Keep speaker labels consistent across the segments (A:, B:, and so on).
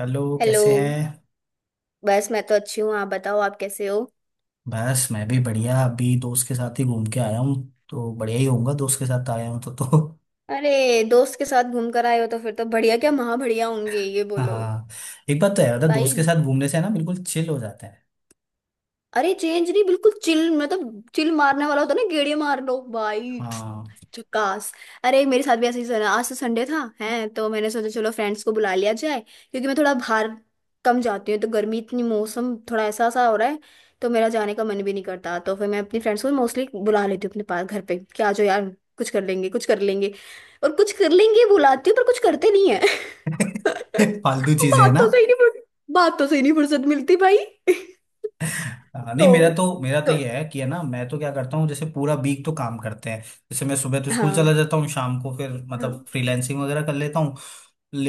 A: Hello,
B: hello.
A: कैसे हैं।
B: बस मैं तो अच्छी हूँ, आप बताओ आप कैसे हो?
A: बस मैं भी बढ़िया, अभी दोस्त के साथ ही घूम के आया हूँ। तो बढ़िया ही होऊंगा, दोस्त के साथ आया हूँ तो।
B: अरे दोस्त के साथ घूम कर आए हो तो फिर तो बढ़िया क्या, महा बढ़िया होंगे, ये बोलो
A: हाँ। एक बात तो है, मतलब दोस्त के
B: भाई।
A: साथ घूमने से है ना, बिल्कुल चिल हो जाता है।
B: अरे चेंज नहीं, बिल्कुल चिल, मतलब चिल मारने वाला होता है ना, गेड़िया मार लो भाई।
A: हाँ।
B: झकास। अरे मेरे साथ भी ऐसे ही सर, आज तो संडे था है तो मैंने सोचा चलो फ्रेंड्स को बुला लिया जाए, क्योंकि मैं थोड़ा बाहर कम जाती हूँ, तो गर्मी इतनी, मौसम थोड़ा ऐसा सा हो रहा है, तो मेरा जाने का मन भी नहीं करता, तो फिर मैं अपनी फ्रेंड्स को मोस्टली बुला लेती हूँ अपने पास घर पे कि आ जाओ यार, कुछ कर लेंगे कुछ कर लेंगे। और कुछ कर लेंगे बुलाती हूँ, पर कुछ करते नहीं है।
A: फालतू चीजें है ना।
B: बातों से ही नहीं फुर्सत- बातों से ही नहीं फुर्सत मिलती भाई।
A: हाँ, नहीं,
B: तो
A: मेरा तो
B: तो
A: ये है कि है ना, मैं तो क्या करता हूँ, जैसे पूरा वीक तो काम करते हैं। जैसे मैं सुबह तो
B: हाँ
A: स्कूल चला
B: हाँ।
A: जाता हूँ, शाम को फिर मतलब फ्रीलैंसिंग वगैरह कर लेता हूँ,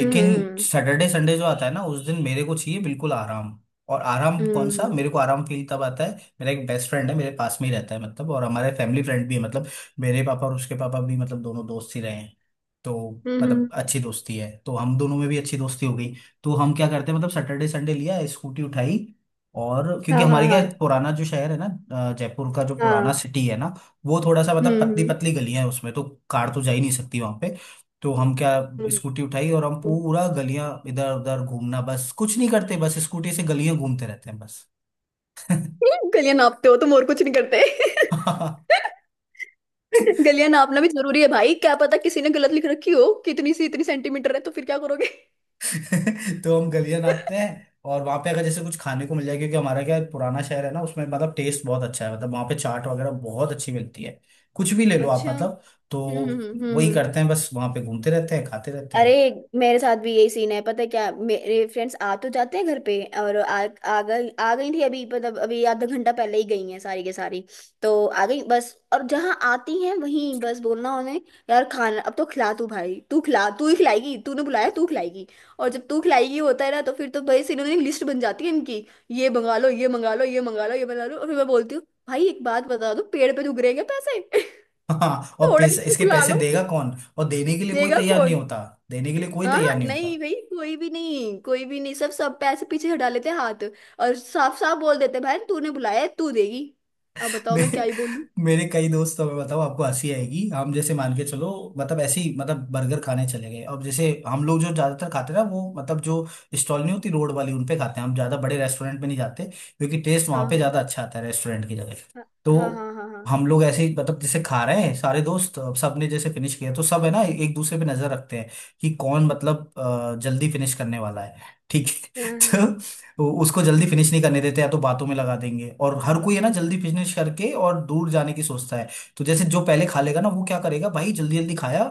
B: हम्म।
A: सैटरडे संडे जो आता है ना, उस दिन मेरे को चाहिए बिल्कुल आराम। और आराम कौन सा,
B: हम्म
A: मेरे को आराम फील तब आता है। मेरा एक बेस्ट फ्रेंड है, मेरे पास में ही रहता है मतलब, और हमारे फैमिली फ्रेंड भी है मतलब, मेरे पापा और उसके पापा भी, मतलब दोनों दोस्त ही रहे हैं, तो
B: हम्म,
A: मतलब
B: हम्म,
A: अच्छी दोस्ती है, तो हम दोनों में भी अच्छी दोस्ती हो गई। तो हम क्या करते हैं, मतलब सैटरडे संडे लिया स्कूटी उठाई। और क्योंकि
B: हाँ हाँ
A: हमारे क्या
B: हाँ
A: है, पुराना जो शहर है ना, जयपुर का जो पुराना
B: हाँ।
A: सिटी है ना, वो थोड़ा सा मतलब पतली
B: हम्म
A: पतली गलियां है उसमें, तो कार तो जा ही नहीं सकती वहां पे। तो हम क्या,
B: हम्म
A: स्कूटी उठाई और हम
B: हम्म।
A: पूरा गलियां इधर उधर घूमना, बस कुछ नहीं करते, बस स्कूटी से गलियां घूमते रहते हैं, बस।
B: गलियां नापते हो तुम और कुछ नहीं करते। गलियां नापना भी जरूरी है भाई, क्या पता किसी ने गलत लिख रखी हो कितनी सी, इतनी सेंटीमीटर है तो फिर क्या करोगे?
A: तो हम गलियां नापते हैं, और वहां पे अगर जैसे कुछ खाने को मिल जाए, क्योंकि हमारा क्या है, पुराना शहर है ना, उसमें मतलब टेस्ट बहुत अच्छा है, मतलब वहां पे चाट वगैरह बहुत अच्छी मिलती है। कुछ भी ले लो आप
B: अच्छा।
A: मतलब, तो
B: हम्म।
A: वही
B: हम्म।
A: करते हैं, बस वहां पे घूमते रहते हैं, खाते रहते
B: अरे
A: हैं।
B: मेरे साथ भी यही सीन है, पता है क्या, मेरे फ्रेंड्स आ तो जाते हैं घर पे। और आ आ गई थी अभी, मतलब अभी आधा घंटा पहले ही गई हैं सारी के सारी। तो आ गई बस, और जहाँ आती हैं वहीं बस बोलना उन्हें, यार खाना अब तो खिला, तू भाई तू खिला, तू ही खिलाएगी, तूने बुलाया तू खिलाएगी। और जब तू खिलाएगी होता है ना, तो फिर तो भाई सीनों की लिस्ट बन जाती है इनकी। ये मंगा लो ये मंगा लो ये मंगा लो ये मंगा लो, और फिर मैं बोलती हूँ भाई एक बात बता दो, पेड़ पे उग रहे हैं क्या पैसे?
A: हाँ, और
B: थोड़ा
A: पैसे,
B: इनको
A: इसके
B: बुला
A: पैसे
B: लो।
A: देगा कौन। और देने के लिए कोई
B: देगा
A: तैयार नहीं
B: कौन?
A: होता। देने के लिए कोई
B: हाँ
A: तैयार
B: हाँ,
A: नहीं होता।
B: नहीं भाई, कोई भी नहीं, कोई भी नहीं, सब सब पैसे पीछे हटा लेते हैं हाथ। और साफ साफ बोल देते हैं, भाई तूने बुलाया है तू देगी। अब बताओ मैं क्या
A: मेरे
B: ही बोलूं।
A: मेरे कई दोस्त, तो मैं बताऊँ आपको हंसी आएगी, हम जैसे मान के चलो। मतलब ऐसे ही मतलब बर्गर खाने चले गए, अब जैसे हम लोग जो ज्यादातर खाते हैं ना, वो मतलब जो स्टॉल नहीं होती रोड वाली, उन पे खाते हैं, हम ज्यादा बड़े रेस्टोरेंट में नहीं जाते, क्योंकि टेस्ट वहां
B: हाँ
A: पे
B: हाँ
A: ज्यादा अच्छा आता है रेस्टोरेंट की जगह।
B: हाँ हाँ।
A: तो
B: हाँ हाँ हाँ
A: हम लोग ऐसे ही, मतलब जैसे खा रहे हैं सारे दोस्त, अब सबने जैसे फिनिश किया, तो सब है ना एक दूसरे पे नजर रखते हैं, कि कौन मतलब जल्दी फिनिश करने वाला है, ठीक
B: हाँ,
A: है।
B: हाँ।
A: तो उसको जल्दी फिनिश नहीं करने देते, या तो बातों में लगा देंगे, और हर कोई है ना जल्दी फिनिश करके और दूर जाने की सोचता है। तो जैसे जो पहले खा लेगा ना, वो क्या करेगा भाई, जल्दी जल्दी खाया,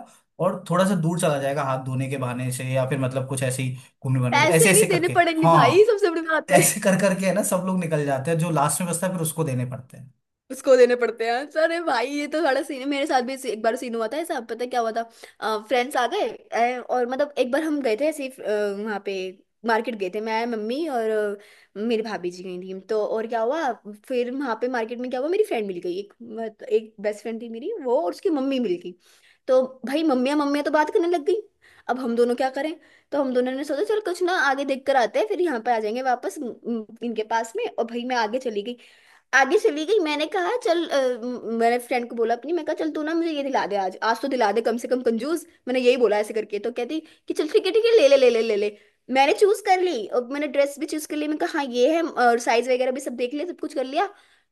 A: और थोड़ा सा दूर चला जाएगा हाथ धोने के बहाने से, या फिर मतलब कुछ ऐसे ही, घूमने बहाने से, ऐसे
B: पैसे नहीं
A: ऐसे
B: देने
A: करके।
B: पड़ेंगे भाई,
A: हाँ।
B: सबसे बड़ी बात है।
A: ऐसे कर करके है ना, सब लोग निकल जाते हैं, जो लास्ट में बचता है फिर उसको देने पड़ते हैं।
B: उसको देने पड़ते हैं। तो अरे भाई ये तो बड़ा सीन है, मेरे साथ भी एक बार सीन हुआ था ऐसा, पता है क्या हुआ था? फ्रेंड्स आ गए, और मतलब एक बार हम गए थे ऐसे ही, वहाँ पे मार्केट गए थे, मैं मम्मी और मेरी भाभी जी गई थी। तो और क्या हुआ, फिर वहाँ पे मार्केट में क्या हुआ, मेरी फ्रेंड मिल गई एक, एक बेस्ट फ्रेंड थी मेरी वो, और उसकी मम्मी मिल गई। तो भाई मम्मियाँ मम्मियाँ तो बात करने लग गई। अब हम दोनों क्या करें? तो हम दोनों ने सोचा चल कुछ ना आगे देख कर आते हैं, फिर यहाँ पे आ जाएंगे वापस इनके पास में। और भाई मैं आगे चली गई, आगे चली गई। मैंने कहा चल, मैंने फ्रेंड को बोला अपनी, मैं कहा चल तू ना मुझे ये दिला दे आज, आज तो दिला दे कम से कम कंजूस। मैंने यही बोला ऐसे करके, तो कहती कि चल ठीक है ठीक है, ले ले ले ले ले ले। मैंने चूज कर ली, और मैंने ड्रेस भी चूज कर ली, मैं कहा हाँ ये है, और साइज वगैरह भी सब देख लिया, सब कुछ कर लिया।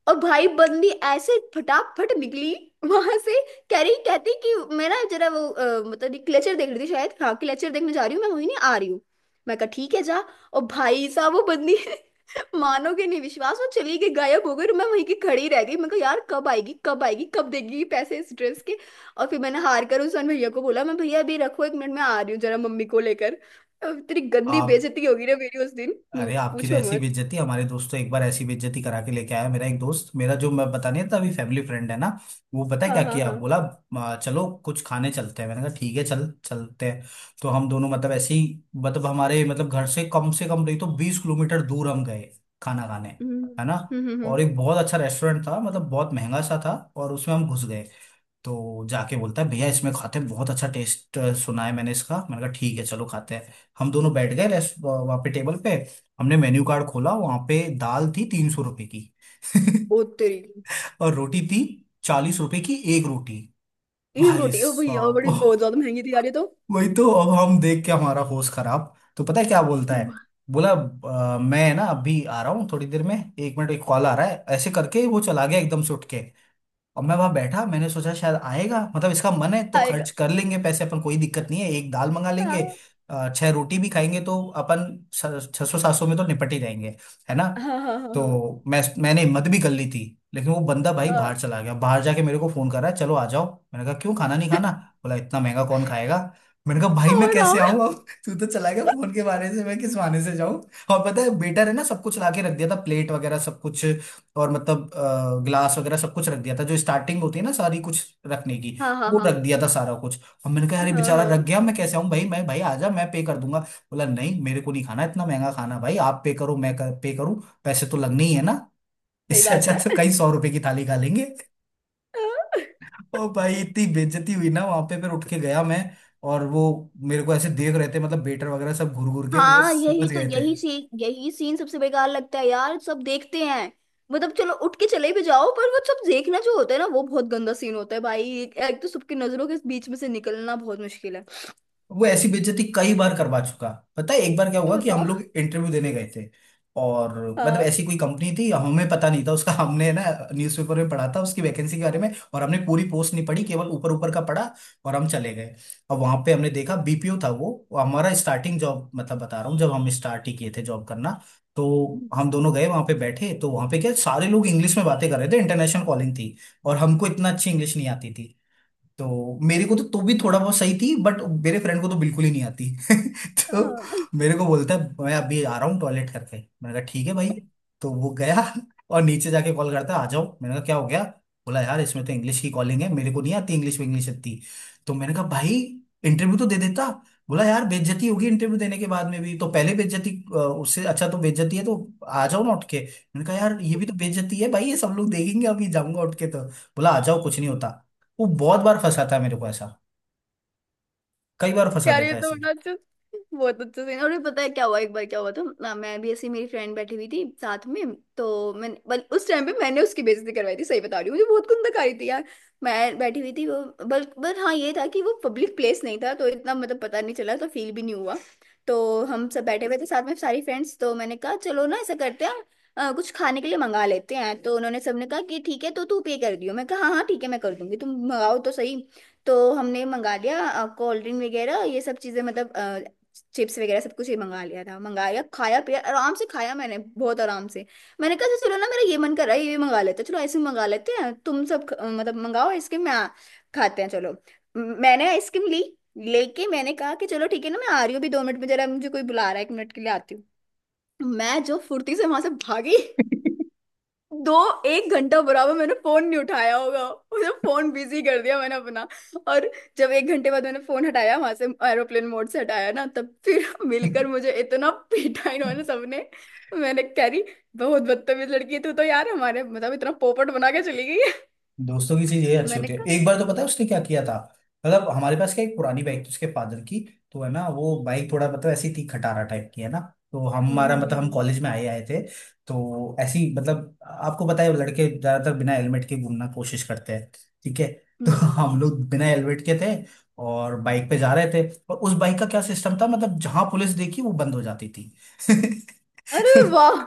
B: और भाई बंदी ऐसे फटाफट निकली वहां से, कह रही कहती कि मेरा जरा वो, मतलब क्लेचर देख रही थी शायद, हाँ क्लेचर देखने जा रही हूँ मैं, वहीं नहीं आ रही हूँ। मैं कहा ठीक है जा। और भाई साहब वो बंदी, मानोगे नहीं विश्वास, वो चली गई, गायब हो गई, और मैं वहीं की खड़ी रह गई। मैं कहा यार कब आएगी कब आएगी, कब देगी ये पैसे इस ड्रेस के। और फिर मैंने हार कर उस भैया को बोला, मैं भैया अभी रखो, एक मिनट में आ रही हूँ जरा मम्मी को लेकर। अब तेरी गंदी
A: आप,
B: बेइज्जती होगी ना मेरी उस दिन।
A: अरे, आपकी तो
B: पूछो
A: ऐसी
B: मत।
A: बेइज्जती, हमारे दोस्त तो एक बार ऐसी बेइज्जती करा के लेके आया, मेरा एक दोस्त, मेरा जो मैं बता नहीं था अभी, फैमिली फ्रेंड है ना। वो पता है
B: हाँ
A: क्या
B: हाँ
A: किया,
B: हाँ।
A: बोला, "आ, चलो कुछ खाने चलते हैं, मैंने कहा ठीक है चल चलते हैं। तो हम दोनों मतलब ऐसे ही, मतलब हमारे मतलब घर से कम नहीं तो 20 किलोमीटर दूर हम गए, खाना खाने।
B: हम्म
A: है ना।
B: हम्म हम्म
A: और
B: हम्म।
A: एक बहुत अच्छा रेस्टोरेंट था, मतलब बहुत महंगा सा था, और उसमें हम घुस गए। तो जाके बोलता है, भैया इसमें खाते हैं, बहुत अच्छा टेस्ट सुना है मैंने इसका, मैंने कहा ठीक है चलो खाते हैं। हम दोनों बैठ गए, रेस्ट, वहाँ पे टेबल पे। हमने मेन्यू कार्ड खोला, वहाँ पे दाल थी 300 रुपए की।
B: ओ तेरी।
A: और रोटी थी, 40 रुपए की एक रोटी।
B: एक
A: भाई
B: रोटी, ओ भैया
A: साहब,
B: बड़ी बहुत ज्यादा महंगी थी यार ये तो।
A: वही तो, अब हम देख के हमारा होश खराब, तो पता है क्या बोलता
B: हम्म,
A: है। बोला, मैं ना अभी आ रहा हूँ थोड़ी देर में, एक मिनट, एक कॉल आ रहा है, ऐसे करके वो चला गया एकदम से उठ के। और मैं वहां बैठा, मैंने सोचा शायद आएगा, मतलब इसका मन है तो
B: आएगा।
A: खर्च कर लेंगे पैसे अपन, कोई दिक्कत नहीं है, एक दाल मंगा लेंगे।
B: हाँ
A: छह रोटी भी खाएंगे तो अपन, 600-700 में तो निपट ही जाएंगे, है ना।
B: हाँ हाँ हाँ
A: तो
B: हाँ
A: मैंने हिम्मत भी कर ली थी। लेकिन वो बंदा भाई बाहर
B: हाँ,
A: चला गया, बाहर जाके मेरे को फोन कर रहा है, चलो आ जाओ। मैंने कहा क्यों, खाना नहीं खाना। बोला, इतना महंगा कौन खाएगा। मैंने कहा भाई मैं
B: और
A: कैसे
B: हाँ
A: आऊं अब, तू तो चला गया फोन के बहाने से, मैं किस बहाने से जाऊं। और पता है बेटर, है ना, सब कुछ ला के रख दिया था, प्लेट वगैरह सब कुछ। और मतलब ग्लास वगैरह सब कुछ रख दिया था, जो स्टार्टिंग होती है ना सारी कुछ रखने की।
B: हाँ
A: वो रख
B: हाँ
A: दिया था सारा कुछ। और मैंने कहा
B: हाँ
A: अरे,
B: हाँ
A: बेचारा रख
B: हाँ,
A: गया, मैं कैसे आऊं भाई, मैं भाई आ जा, मैं पे कर दूंगा। बोला नहीं, मेरे को नहीं खाना इतना महंगा खाना, भाई आप पे करो, मैं कर, पे करूं। पैसे तो लगने ही है ना।
B: सही
A: इससे
B: बात
A: अच्छा
B: है।
A: तो कई सौ रुपए की थाली खा लेंगे।
B: हाँ।
A: और भाई इतनी बेइज्जती हुई ना वहां पे, फिर उठ के गया मैं। और वो मेरे को ऐसे देख रहे थे, मतलब वेटर वगैरह, सब घूर घूर के, वो
B: हाँ यही
A: समझ
B: तो,
A: गए थे।
B: यही सीन, यही सीन सबसे बेकार लगता है यार, सब देखते हैं। मतलब चलो उठ के चले भी जाओ, पर वो सब देखना जो होता है ना, वो बहुत गंदा सीन होता है भाई, एक तो सबकी नजरों के बीच में से निकलना बहुत मुश्किल है।
A: वो ऐसी बेइज्जती कई बार करवा चुका। पता है एक बार क्या हुआ, कि हम
B: बताओ।
A: लोग इंटरव्यू देने गए थे। और मतलब
B: हाँ
A: ऐसी कोई कंपनी थी, हमें पता नहीं था उसका, हमने ना न्यूज़पेपर में पढ़ा था उसकी वैकेंसी के बारे में, और हमने पूरी पोस्ट नहीं पढ़ी, केवल ऊपर ऊपर का पढ़ा, और हम चले गए। अब वहां पे हमने देखा बीपीओ था, वो हमारा स्टार्टिंग जॉब, मतलब बता रहा हूँ जब हम स्टार्ट ही किए थे जॉब करना। तो हम दोनों गए वहां पे, बैठे तो वहां पे क्या, सारे लोग इंग्लिश में बातें कर रहे थे, इंटरनेशनल कॉलिंग थी। और हमको इतना अच्छी इंग्लिश नहीं आती थी। तो मेरे को तो भी थोड़ा बहुत सही थी, बट मेरे फ्रेंड को तो बिल्कुल ही नहीं आती। तो
B: हाँ।
A: मेरे को बोलता है, मैं अभी आ रहा हूँ टॉयलेट करके। मैंने कहा ठीक है भाई। तो वो गया। और नीचे जाके कॉल करता है आ जाओ, मैंने कहा क्या हो गया। बोला यार, इसमें तो इंग्लिश की कॉलिंग है, मेरे को नहीं आती इंग्लिश, में इंग्लिश आती। तो मैंने कहा भाई, इंटरव्यू तो दे देता। बोला यार, बेइज्जती होगी इंटरव्यू देने के बाद में भी, तो पहले बेइज्जती। उससे अच्छा तो बेइज्जती है, तो आ जाओ ना उठ के, मैंने कहा यार ये भी तो बेइज्जती है भाई, ये सब लोग देखेंगे अभी जाऊंगा उठ के, तो बोला आ जाओ, कुछ नहीं होता। वो बहुत बार फंसाता है मेरे को ऐसा। कई बार फंसा
B: यार ये
A: देता है
B: तो
A: ऐसे।
B: बड़ा अच्छा, बहुत अच्छा सीन। और ये पता है क्या हुआ, एक बार क्या हुआ था ना, मैं भी ऐसी, मेरी फ्रेंड बैठी हुई थी साथ में, तो मैंने बल उस टाइम पे मैंने उसकी बेइज्जती करवाई थी। सही बता रही हूँ, मुझे बहुत कुंदक आ रही थी यार। मैं बैठी हुई थी वो बल बट हाँ, ये था कि वो पब्लिक प्लेस नहीं था तो इतना मतलब पता नहीं चला, तो फील भी नहीं हुआ। तो हम सब बैठे हुए थे साथ में सारी फ्रेंड्स, तो मैंने कहा चलो ना ऐसा करते हैं, कुछ खाने के लिए मंगा लेते हैं। तो उन्होंने सबने कहा कि ठीक है, तो तू पे कर दियो। मैं कहा हाँ हाँ ठीक है मैं कर दूंगी, तुम मंगाओ तो सही। तो हमने मंगा लिया कोल्ड ड्रिंक वगैरह ये सब चीजें, मतलब चिप्स वगैरह सब कुछ ही मंगा लिया था। मंगाया खाया पिया आराम से, खाया मैंने बहुत आराम से। मैंने कहा "अच्छा, चलो ना मेरा ये मन कर रहा है ये भी मंगा लेते हैं, चलो आइसक्रीम मंगा लेते हैं, तुम सब मतलब मंगाओ आइसक्रीम, मैं खाते हैं चलो, मैंने आइसक्रीम ली, लेके मैंने कहा कि चलो ठीक है ना, मैं आ रही हूँ अभी दो मिनट में, जरा मुझे कोई बुला रहा है, एक मिनट के लिए आती हूँ। मैं जो फुर्ती से वहां से भागी, दो एक घंटा बराबर मैंने फोन नहीं उठाया होगा, उसे फोन बिजी कर दिया मैंने अपना। और जब एक घंटे बाद मैंने फोन हटाया वहां से, एरोप्लेन मोड से हटाया ना, तब फिर मिलकर मुझे इतना पीटा इन्होंने सबने। मैंने कह रही, बहुत बदतमीज लड़की है तू तो यार, हमारे मतलब इतना पोपट बना के चली गई है।
A: दोस्तों की चीज ये अच्छी
B: मैंने
A: होती है,
B: कहा।
A: एक बार तो पता है उसने क्या किया था। मतलब हमारे पास क्या, एक पुरानी बाइक थी उसके फादर की। तो है ना, वो बाइक थोड़ा मतलब ऐसी थी, खटारा टाइप की है ना। तो हमारा मतलब हम
B: हम्म
A: कॉलेज में आए आए थे। तो ऐसी, मतलब आपको पता है लड़के ज्यादातर बिना हेलमेट के घूमना कोशिश करते हैं, ठीक है। तो
B: हम्म
A: हम
B: हम्म।"
A: लोग बिना हेलमेट के थे, और बाइक पे जा रहे थे, और उस बाइक का क्या सिस्टम था, मतलब जहां पुलिस देखी वो बंद हो जाती थी।
B: अरे वाह।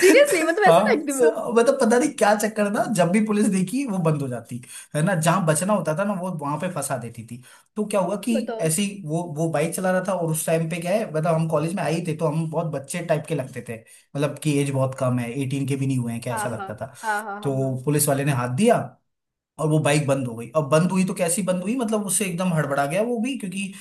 B: सीरियसली, मतलब
A: हाँ।
B: ऐसे फेंक दी वो।
A: मतलब पता नहीं क्या चक्कर था, जब भी पुलिस देखी वो बंद हो जाती, है ना, जहां बचना होता था ना, वो वहां पे फंसा देती थी। तो क्या हुआ कि
B: बताओ।
A: ऐसी वो बाइक चला रहा था, और उस टाइम पे क्या है, मतलब हम कॉलेज में आए ही थे तो हम बहुत बच्चे टाइप के लगते थे। मतलब कि एज बहुत कम है, 18 के भी नहीं हुए हैं, क्या
B: हाँ
A: ऐसा
B: हाँ
A: लगता था।
B: हाँ हाँ हाँ हाँ।
A: तो पुलिस वाले ने हाथ दिया। और वो बाइक बंद हो गई, अब बंद हुई तो कैसी बंद हुई, मतलब उससे एकदम हड़बड़ा गया वो भी, क्योंकि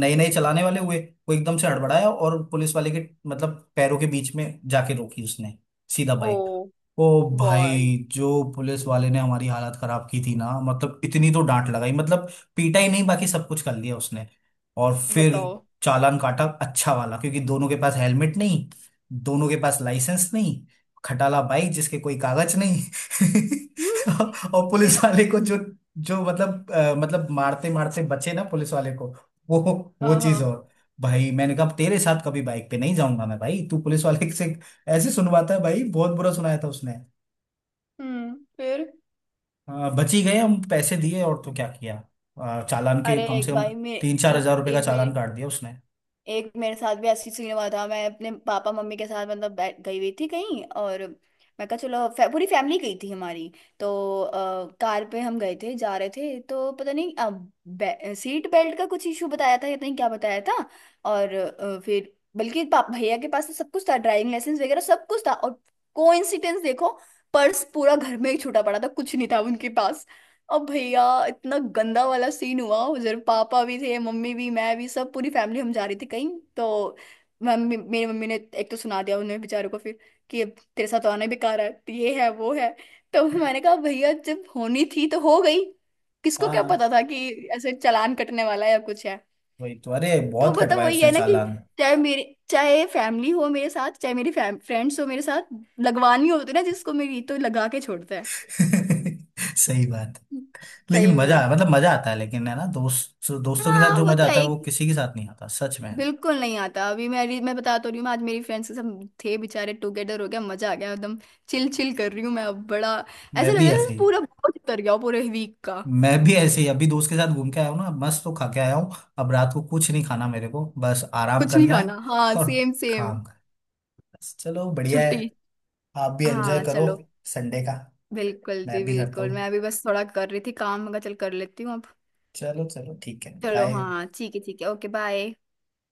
A: नए नए चलाने वाले हुए। वो एकदम से हड़बड़ाया, और पुलिस वाले के मतलब पैरों के बीच में जाके रोकी उसने, सीधा बाइक।
B: Oh
A: oh
B: boy.
A: भाई, जो पुलिस वाले ने हमारी हालत खराब की थी ना, मतलब इतनी तो डांट लगाई मतलब, पीटा ही नहीं, बाकी सब कुछ कर लिया उसने। और फिर
B: बताओ।
A: चालान काटा अच्छा वाला, क्योंकि दोनों के पास हेलमेट नहीं, दोनों के पास लाइसेंस नहीं, खटाला बाइक जिसके कोई कागज नहीं। तो और पुलिस वाले को जो जो मतलब मतलब मारते मारते बचे ना पुलिस वाले को, वो वो
B: हाँ
A: चीज
B: हाँ।
A: और भाई मैंने कहा तेरे साथ कभी बाइक पे नहीं जाऊंगा मैं भाई, तू पुलिस वाले से ऐसे सुनवाता है भाई, बहुत बुरा सुनाया था उसने।
B: हम्म। फिर
A: बच ही गए हम, पैसे दिए, और तो क्या किया, चालान के
B: अरे
A: कम से
B: एक
A: कम
B: भाई मैं
A: तीन चार
B: एक
A: हजार रुपए का चालान काट दिया उसने।
B: एक मेरे साथ भी ऐसी सीन हुआ था। मैं अपने पापा मम्मी के साथ मतलब गई हुई थी कहीं और, मैं कहा चलो पूरी फैमिली गई थी हमारी। तो कार पे हम गए थे, जा रहे थे तो पता नहीं सीट बेल्ट का कुछ इशू बताया था या नहीं क्या बताया था। और फिर बल्कि पाप भैया के पास तो सब कुछ था, ड्राइविंग लाइसेंस वगैरह सब कुछ था, और कोइंसिडेंस देखो, पर्स पूरा घर में ही छूटा पड़ा था, कुछ नहीं था उनके पास। अब भैया इतना गंदा वाला सीन हुआ, उधर पापा भी थे मम्मी भी मैं भी, सब पूरी फैमिली हम जा रही थी कहीं। तो मम्मी मेरी मम्मी ने एक तो सुना दिया उन्हें बेचारों को, फिर कि अब तेरे साथ तो आना ही बेकार है, तो ये है वो है। तो मैंने कहा भैया, जब होनी थी तो हो गई, किसको क्या
A: हाँ,
B: पता था कि ऐसे चालान कटने वाला है या कुछ है।
A: वही तो, अरे
B: तो
A: बहुत
B: मतलब
A: कटवाए
B: वही
A: उसने
B: है ना कि
A: चालान।
B: चाहे मेरे चाहे फैमिली हो मेरे साथ, चाहे मेरी फ्रेंड्स हो मेरे साथ, लगवानी होती है ना जिसको, मेरी तो लगा के छोड़ता है।
A: सही बात। लेकिन
B: सही
A: मजा,
B: में।
A: मतलब मजा आता है लेकिन है ना, दोस्त दोस्तों के साथ
B: हाँ
A: जो
B: वो
A: मजा
B: तो है
A: आता है वो
B: ही।
A: किसी के साथ नहीं आता सच में।
B: बिल्कुल नहीं आता, अभी मेरी, मैं बता तो रही हूँ, मैं आज मेरी फ्रेंड्स के साथ थे बेचारे, टुगेदर हो गया, मजा आ गया एकदम, चिल चिल कर रही हूँ मैं, अब बड़ा ऐसा
A: मैं
B: लग रहा
A: भी
B: है
A: ऐसे
B: जैसे
A: ही।
B: पूरा बोझ उतर गया हो पूरे वीक का।
A: अभी दोस्त के साथ घूम के आया हूँ ना, मस्त तो खा के आया हूँ। अब रात को कुछ नहीं खाना मेरे को, बस आराम
B: कुछ नहीं
A: करना है,
B: खाना, हाँ
A: और
B: सेम सेम।
A: काम करना है, चलो बढ़िया है।
B: छुट्टी।
A: आप भी एंजॉय
B: हाँ
A: करो
B: चलो।
A: संडे का।
B: बिल्कुल जी
A: मैं भी करता
B: बिल्कुल,
A: हूँ,
B: मैं अभी बस थोड़ा कर रही थी काम, मैं कहा चल कर लेती हूँ अब।
A: चलो चलो ठीक है
B: चलो
A: बाय।
B: हाँ ठीक है ठीक है, ओके बाय।